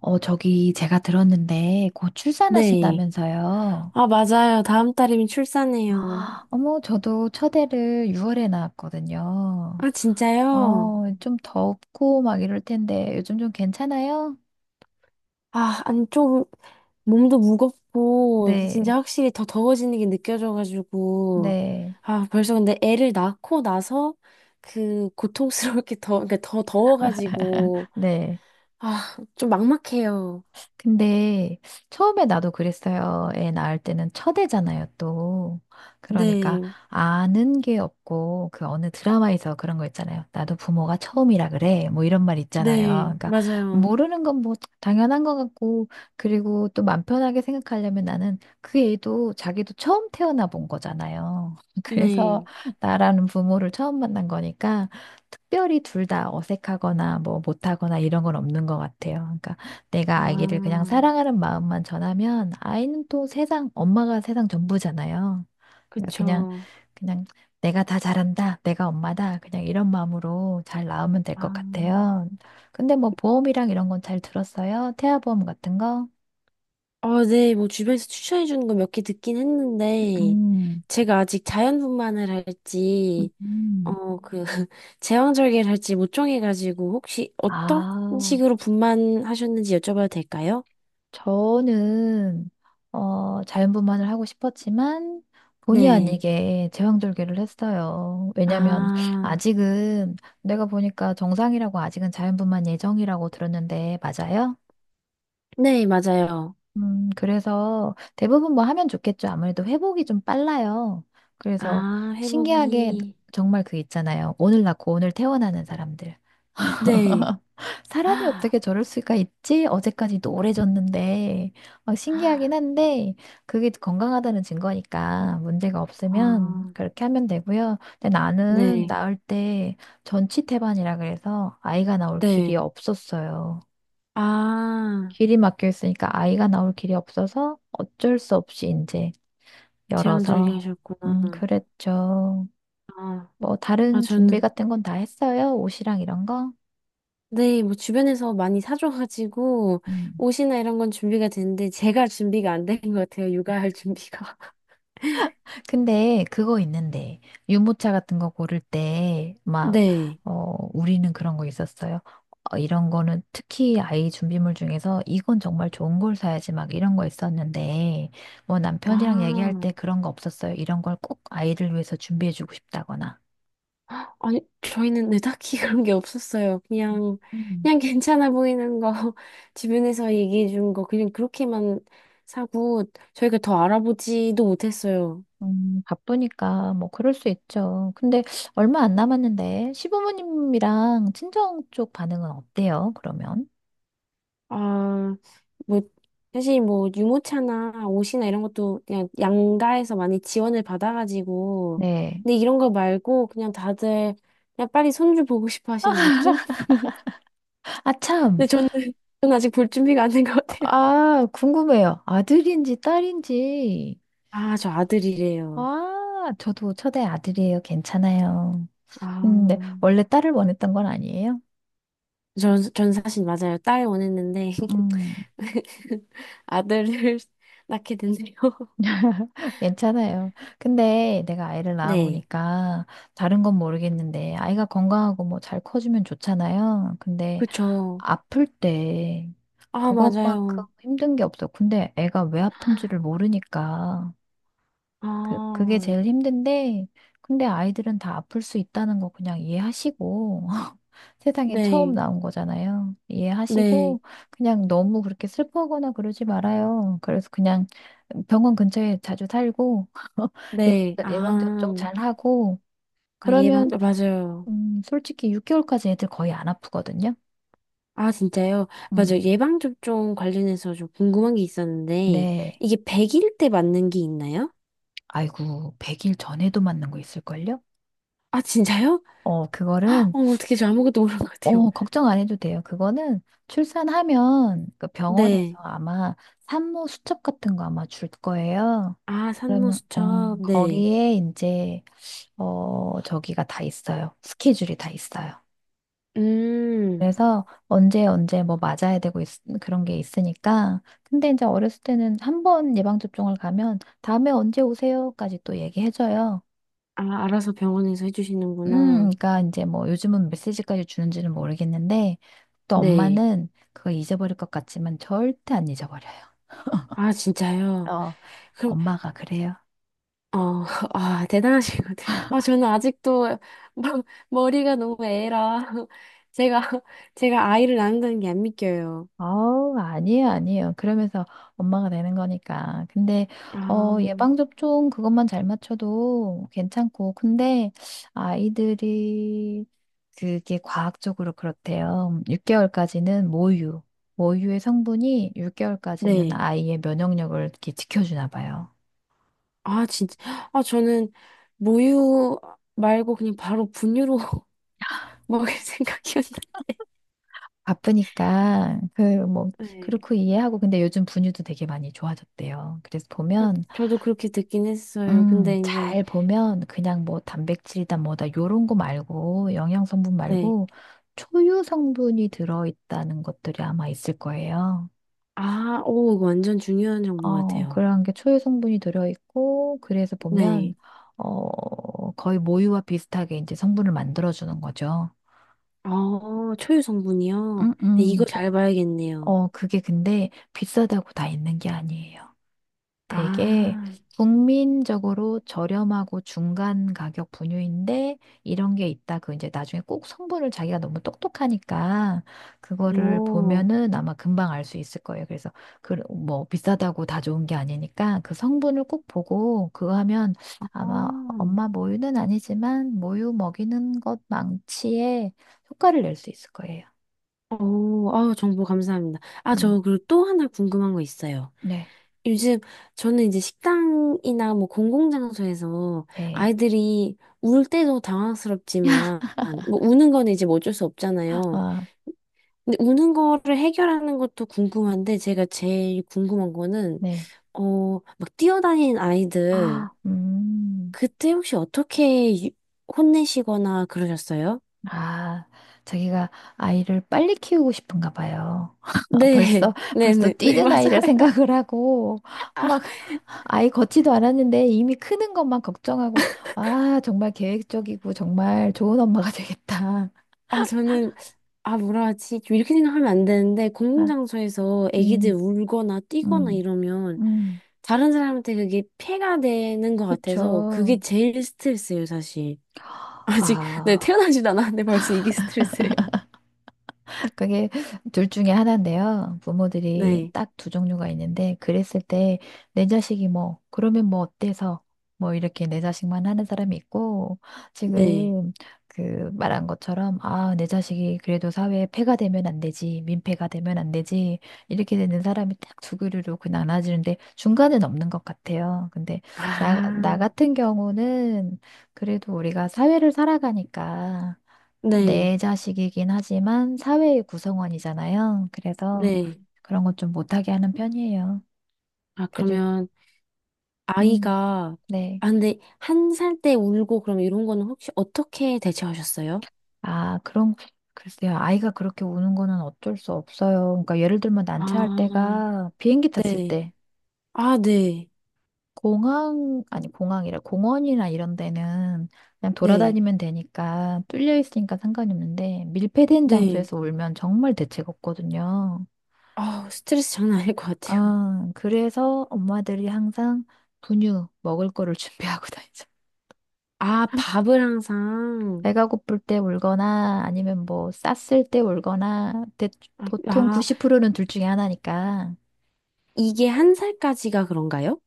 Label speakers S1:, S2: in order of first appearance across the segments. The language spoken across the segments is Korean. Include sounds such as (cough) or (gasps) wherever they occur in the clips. S1: 저기 제가 들었는데 곧
S2: 네.
S1: 출산하신다면서요.
S2: 아, 맞아요. 다음 달이면 출산해요.
S1: 아, 어머, 저도 첫애를 6월에 낳았거든요.
S2: 아, 진짜요?
S1: 좀 덥고 막 이럴 텐데 요즘 좀 괜찮아요?
S2: 아, 아니, 좀, 몸도 무겁고,
S1: 네,
S2: 진짜 확실히 더 더워지는 게 느껴져가지고.
S1: 네,
S2: 아, 벌써 근데 애를 낳고 나서 그 고통스럽게 더, 그러니까 더 더워가지고.
S1: 네.
S2: 아, 좀 막막해요.
S1: 근데 처음에 나도 그랬어요. 애 낳을 때는 첫애잖아요, 또. 그러니까
S2: 네.
S1: 아는 게 없고 그 어느 드라마에서 그런 거 있잖아요. 나도 부모가 처음이라 그래. 뭐 이런 말 있잖아요.
S2: 네.
S1: 그러니까
S2: 맞아요.
S1: 모르는 건 뭐 당연한 것 같고 그리고 또 맘 편하게 생각하려면 나는 그 애도 자기도 처음 태어나 본 거잖아요. (laughs) 그래서
S2: 네.
S1: 나라는 부모를 처음 만난 거니까 특별히 둘 다 어색하거나 뭐 못하거나 이런 건 없는 것 같아요. 그러니까 내가 아기를 그냥
S2: 아,
S1: 사랑하는 마음만 전하면 아이는 또 세상, 엄마가 세상 전부잖아요. 그러니까 그냥,
S2: 그쵸.
S1: 그냥 내가 다 잘한다, 내가 엄마다, 그냥 이런 마음으로 잘 낳으면 될
S2: 아.
S1: 것 같아요. 근데 뭐 보험이랑 이런 건 잘 들었어요? 태아보험 같은 거?
S2: 어, 네, 뭐 주변에서 추천해 주는 거 몇 개 듣긴 했는데,
S1: 음,
S2: 제가 아직 자연분만을 할지,
S1: 음.
S2: 어, 그, (laughs) 제왕절개를 할지 못 정해가지고, 혹시 어떤
S1: 아,
S2: 식으로 분만하셨는지 여쭤봐도 될까요?
S1: 저는 자연분만을 하고 싶었지만 본의
S2: 네.
S1: 아니게 제왕절개를 했어요. 왜냐면
S2: 아,
S1: 아직은 내가 보니까 정상이라고 아직은 자연분만 예정이라고 들었는데 맞아요?
S2: 네, 맞아요.
S1: 그래서 대부분 뭐 하면 좋겠죠. 아무래도 회복이 좀 빨라요. 그래서
S2: 아,
S1: 신기하게
S2: 회복이.
S1: 정말 그 있잖아요. 오늘 낳고 오늘 퇴원하는 사람들.
S2: 네.
S1: (laughs)
S2: (gasps)
S1: 사람이
S2: 아,
S1: 어떻게 저럴 수가 있지? 어제까지 노래졌는데 막 신기하긴 한데 그게 건강하다는 증거니까 문제가 없으면
S2: 아,
S1: 그렇게 하면 되고요. 근데 나는
S2: 네,
S1: 낳을 때 전치태반이라 그래서 아이가 나올 길이
S2: 네.
S1: 없었어요.
S2: 아,
S1: 길이 막혀 있으니까 아이가 나올 길이 없어서 어쩔 수 없이 이제
S2: 제왕절개
S1: 열어서
S2: 하셨구나.
S1: 그랬죠.
S2: 아,
S1: 뭐
S2: 아,
S1: 다른 준비
S2: 저는.
S1: 같은 건 다 했어요? 옷이랑 이런 거?
S2: 네, 뭐 주변에서 많이 사줘가지고 옷이나 이런 건 준비가 됐는데 제가 준비가 안 된 것 같아요. 육아할 준비가. (laughs)
S1: 근데 그거 있는데 유모차 같은 거 고를 때 막
S2: 네.
S1: 우리는 그런 거 있었어요. 이런 거는 특히 아이 준비물 중에서 이건 정말 좋은 걸 사야지 막 이런 거 있었는데 뭐 남편이랑 얘기할 때
S2: 아,
S1: 그런 거 없었어요. 이런 걸 꼭 아이를 위해서 준비해주고 싶다거나.
S2: 아니 저희는 네, 딱히 그런 게 없었어요. 그냥
S1: 음.
S2: 그냥 괜찮아 보이는 거 (laughs) 주변에서 얘기해 준 거 그냥 그렇게만 사고 저희가 더 알아보지도 못했어요.
S1: 바쁘니까 뭐 그럴 수 있죠. 근데 얼마 안 남았는데 시부모님이랑 친정 쪽 반응은 어때요? 그러면?
S2: 아, 뭐, 사실 뭐, 유모차나 옷이나 이런 것도 그냥 양가에서 많이 지원을 받아가지고.
S1: 네.
S2: 근데 이런 거 말고 그냥 다들 그냥 빨리 손주 보고 싶어 하시는 느낌?
S1: 아,
S2: 근데
S1: 참.
S2: 저는, (laughs) 저는 아직 볼 준비가 안 된 것 같아요.
S1: 아, 궁금해요. 아들인지 딸인지.
S2: 아, 저 아들이래요.
S1: 아, 저도 첫애 아들이에요. 괜찮아요.
S2: 아,
S1: 네. 원래 딸을 원했던 건 아니에요?
S2: 전 사실 맞아요. 딸 원했는데.
S1: 음,
S2: (laughs) 아들을 낳게 됐네요. (laughs)
S1: (laughs) 괜찮아요. 근데 내가 아이를
S2: 네.
S1: 낳아보니까 다른 건 모르겠는데 아이가 건강하고 뭐 잘 커주면 좋잖아요. 근데
S2: 그쵸.
S1: 아플 때
S2: 아,
S1: 그것만큼
S2: 맞아요.
S1: 힘든 게 없어. 근데 애가 왜 아픈지를 모르니까. 그게
S2: 아,
S1: 제일 힘든데, 근데 아이들은 다 아플 수 있다는 거 그냥 이해하시고, (laughs) 세상에 처음
S2: 네.
S1: 나온 거잖아요.
S2: 네.
S1: 이해하시고, 그냥 너무 그렇게 슬퍼하거나 그러지 말아요. 그래서 그냥 병원 근처에 자주 살고, (laughs)
S2: 네,
S1: 예방접종 예방접종
S2: 아,
S1: 잘 하고,
S2: 아, 예방,
S1: 그러면,
S2: 아, 맞아요.
S1: 솔직히 6개월까지 애들 거의 안 아프거든요.
S2: 아, 진짜요?
S1: 음.
S2: 맞아요. 예방접종 관련해서 좀 궁금한 게 있었는데,
S1: 네.
S2: 이게 100일 때 맞는 게 있나요?
S1: 아이고, 100일 전에도 맞는 거 있을걸요?
S2: 아, 진짜요? (laughs)
S1: 그거는
S2: 어, 어떻게 저 아무것도 모르는 것 같아요.
S1: 걱정 안 해도 돼요. 그거는 출산하면 그 병원에서
S2: 네.
S1: 아마 산모 수첩 같은 거 아마 줄 거예요.
S2: 아,
S1: 그러면
S2: 산모수첩, 네.
S1: 거기에 이제 저기가 다 있어요. 스케줄이 다 있어요.
S2: 음,
S1: 그래서 언제 언제 뭐 맞아야 되고 그런 게 있으니까 근데 이제 어렸을 때는 한 번 예방접종을 가면 다음에 언제 오세요까지 또 얘기해줘요.
S2: 아, 알아서 병원에서 해주시는구나.
S1: 그러니까 이제 뭐 요즘은 메시지까지 주는지는 모르겠는데 또
S2: 네.
S1: 엄마는 그거 잊어버릴 것 같지만 절대 안 잊어버려요.
S2: 아, 진짜요?
S1: 어,
S2: 그럼
S1: 엄마가 그래요.
S2: 어, (laughs) 아, 대단하시군. 아, 저는 아직도 머- 머리가 너무 애라. (laughs) 제가, 제가 아이를 낳는다는 게 안 믿겨요.
S1: 아우, 아니에요, 아니에요. 그러면서 엄마가 되는 거니까. 근데
S2: 아,
S1: 예방접종 그것만 잘 맞춰도 괜찮고 근데 아이들이 그게 과학적으로 그렇대요. 6개월까지는 모유의 성분이 6개월까지는
S2: 네.
S1: 아이의 면역력을 이렇게 지켜주나 봐요.
S2: 아, 진짜. 아, 저는 모유 말고 그냥 바로 분유로 (laughs) 먹을 생각이었는데.
S1: 바쁘니까 그 뭐
S2: 네.
S1: 그렇고 이해하고 근데 요즘 분유도 되게 많이 좋아졌대요. 그래서
S2: 아,
S1: 보면
S2: 저도 그렇게 듣긴 했어요. 근데 이제,
S1: 잘 보면 그냥 뭐 단백질이다 뭐다 요런 거 말고 영양 성분
S2: 네.
S1: 말고 초유 성분이 들어 있다는 것들이 아마 있을 거예요.
S2: 아, 오, 이거 완전 중요한 정보 같아요.
S1: 그런 게 초유 성분이 들어 있고 그래서 보면
S2: 네.
S1: 거의 모유와 비슷하게 이제 성분을 만들어 주는 거죠.
S2: 어, 초유 성분이요?
S1: 음,
S2: 네,
S1: 음.
S2: 이거
S1: 그,
S2: 잘 봐야겠네요.
S1: 그게 근데 비싸다고 다 있는 게 아니에요. 되게
S2: 아.
S1: 국민적으로 저렴하고 중간 가격 분유인데 이런 게 있다. 그 이제 나중에 꼭 성분을 자기가 너무 똑똑하니까 그거를
S2: 오,
S1: 보면은 아마 금방 알 수 있을 거예요. 그래서 그 뭐 비싸다고 다 좋은 게 아니니까 그 성분을 꼭 보고 그거 하면 아마
S2: 아,
S1: 엄마 모유는 아니지만 모유 먹이는 것 망치에 효과를 낼 수 있을 거예요.
S2: 오, 아우, 정보 감사합니다. 아,
S1: 음.
S2: 저 그리고 또 하나 궁금한 거 있어요.
S1: 네.
S2: 요즘 저는 이제 식당이나 뭐 공공장소에서
S1: 네.
S2: 아이들이 울 때도 당황스럽지만, 뭐 우는 거는 이제 뭐 어쩔 수 없잖아요.
S1: 아,
S2: 근데 우는 거를 해결하는 것도 궁금한데, 제가 제일 궁금한 거는,
S1: 네.
S2: 어, 막 뛰어다니는 아이들,
S1: 아,
S2: 그때 혹시 어떻게 혼내시거나 그러셨어요?
S1: 아, 자기가 아이를 빨리 키우고 싶은가 봐요.
S2: 네,
S1: (laughs)
S2: (laughs)
S1: 벌써, 벌써
S2: 네네, 네,
S1: 뛰는 아이를
S2: 맞아요.
S1: 생각을 하고,
S2: 아,
S1: 막, 아이 걷지도 않았는데 이미 크는 것만 걱정하고, 아, 정말 계획적이고, 정말 좋은 엄마가 되겠다.
S2: 아, 저는, 아, 뭐라 하지? 좀 이렇게 생각하면 안 되는데,
S1: 아,
S2: 공공장소에서 애기들
S1: 음,
S2: 울거나 뛰거나
S1: 음,
S2: 이러면,
S1: 음,
S2: 다른 사람한테 그게 폐가 되는 것 같아서, 그게
S1: 그쵸.
S2: 제일 스트레스예요, 사실. (laughs) 아직, 네,
S1: 아.
S2: 태어나지도 않았는데 벌써 이게 스트레스예요. (laughs)
S1: 그게 둘 중에 하나인데요. 부모들이
S2: 네,
S1: 딱 두 종류가 있는데, 그랬을 때, 내 자식이 뭐, 그러면 뭐 어때서, 뭐 이렇게 내 자식만 하는 사람이 있고,
S2: 네.
S1: 지금 그 말한 것처럼, 아, 내 자식이 그래도 사회에 폐가 되면 안 되지, 민폐가 되면 안 되지, 이렇게 되는 사람이 딱 두 그루로 그 나눠지는데, 중간은 없는 것 같아요. 근데 나,
S2: 아,
S1: 나 같은 경우는 그래도 우리가 사회를 살아가니까,
S2: 네,
S1: 내 자식이긴 하지만 사회의 구성원이잖아요. 그래서
S2: 네.
S1: 그런 것 좀 못하게 하는 편이에요.
S2: 아,
S1: 그리고,
S2: 그러면,
S1: 음,
S2: 아이가,
S1: 네.
S2: 아, 근데, 한 살 때 울고 그럼 이런 거는 혹시 어떻게 대처하셨어요?
S1: 아, 글쎄요. 아이가 그렇게 우는 거는 어쩔 수 없어요. 그러니까 예를 들면 난차할
S2: 아,
S1: 때가 비행기 탔을
S2: 네.
S1: 때,
S2: 아, 네,
S1: 공항, 아니, 공항이라, 공원이나 이런 데는 그냥
S2: 네.
S1: 돌아다니면 되니까 뚫려 있으니까 상관이 없는데, 밀폐된
S2: 네.
S1: 장소에서 울면 정말 대책 없거든요.
S2: 아, 스트레스 장난 아닐 것 같아요.
S1: 아, 그래서 엄마들이 항상 분유 먹을 거를 (laughs) 준비하고 다니죠.
S2: 아, 밥을 항상.
S1: 배가 고플 때 울거나 아니면 뭐 쌌을 때 울거나
S2: 아,
S1: 보통
S2: 아,
S1: 90%는 둘 중에 하나니까
S2: 이게 한 살까지가 그런가요?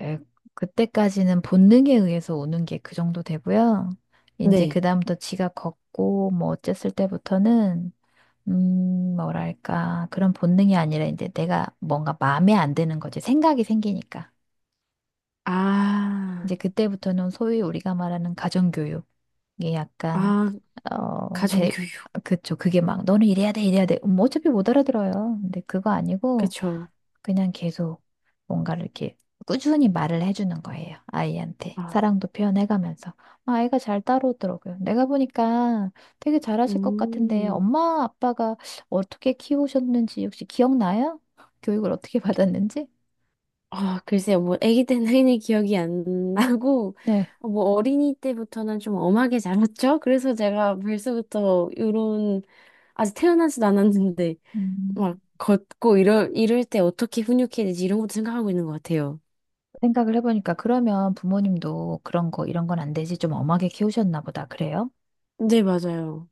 S1: 에, 그때까지는 본능에 의해서 우는 게 그 정도 되고요. 이제
S2: 네.
S1: 그다음부터 지가 걷고 뭐 어쨌을 때부터는 뭐랄까 그런 본능이 아니라 이제 내가 뭔가 마음에 안 드는 거지 생각이 생기니까.
S2: 아,
S1: 이제 그때부터는 소위 우리가 말하는 가정교육. 이게 약간,
S2: 아,
S1: 어, 대,
S2: 가정교육.
S1: 그쵸. 그게 막, 너는 이래야 돼, 이래야 돼. 뭐 어차피 못 알아들어요. 근데 그거 아니고,
S2: 그쵸.
S1: 그냥 계속 뭔가를 이렇게 꾸준히 말을 해주는 거예요. 아이한테.
S2: 아,
S1: 사랑도 표현해가면서. 아, 아이가 잘 따라오더라고요. 내가 보니까 되게 잘하실 것 같은데,
S2: 음.
S1: 엄마, 아빠가 어떻게 키우셨는지 혹시 기억나요? 교육을 어떻게 (laughs) 받았는지?
S2: 아, 글쎄요. 뭐, 아기 때는 흔히 기억이 안 나고,
S1: 네.
S2: 어, 뭐, 어린이 때부터는 좀 엄하게 자랐죠? 그래서 제가 벌써부터 이런, 아직 태어나지도 않았는데, 막,
S1: 음.
S2: 걷고 이럴 때 어떻게 훈육해야 되지? 이런 것도 생각하고 있는 것 같아요.
S1: 생각을 해보니까 그러면 부모님도 그런 거, 이런 건 안 되지 좀 엄하게 키우셨나 보다. 그래요?
S2: 네, 맞아요.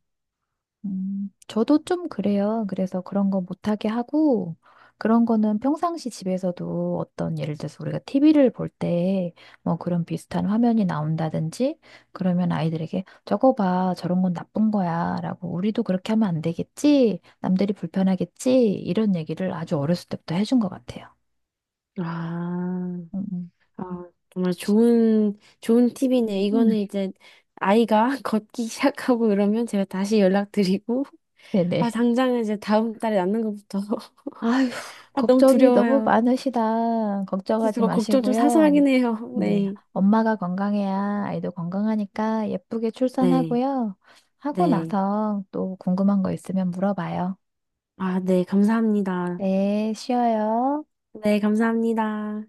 S1: 저도 좀 그래요. 그래서 그런 거 못하게 하고, 그런 거는 평상시 집에서도 어떤 예를 들어서 우리가 TV를 볼 때 뭐 그런 비슷한 화면이 나온다든지 그러면 아이들에게 저거 봐, 저런 건 나쁜 거야 라고 우리도 그렇게 하면 안 되겠지? 남들이 불편하겠지? 이런 얘기를 아주 어렸을 때부터 해준 것 같아요.
S2: 아,
S1: 음, 음.
S2: 아, 정말 좋은, 좋은 팁이네요. 이거는
S1: (laughs)
S2: 이제 아이가 (laughs) 걷기 시작하고 이러면 제가 다시 연락드리고, 아,
S1: 네네.
S2: 당장은 이제 다음 달에 낳는 것부터. (laughs)
S1: 아휴,
S2: 아, 너무
S1: 걱정이 너무
S2: 두려워요.
S1: 많으시다.
S2: 그래서
S1: 걱정하지
S2: 저 걱정 좀 사서
S1: 마시고요.
S2: 하긴 해요.
S1: 네,
S2: 네.
S1: 엄마가 건강해야 아이도 건강하니까 예쁘게
S2: 네.
S1: 출산하고요. 하고
S2: 네.
S1: 나서 또 궁금한 거 있으면 물어봐요.
S2: 아, 네. 감사합니다.
S1: 네, 쉬어요.
S2: 네, 감사합니다.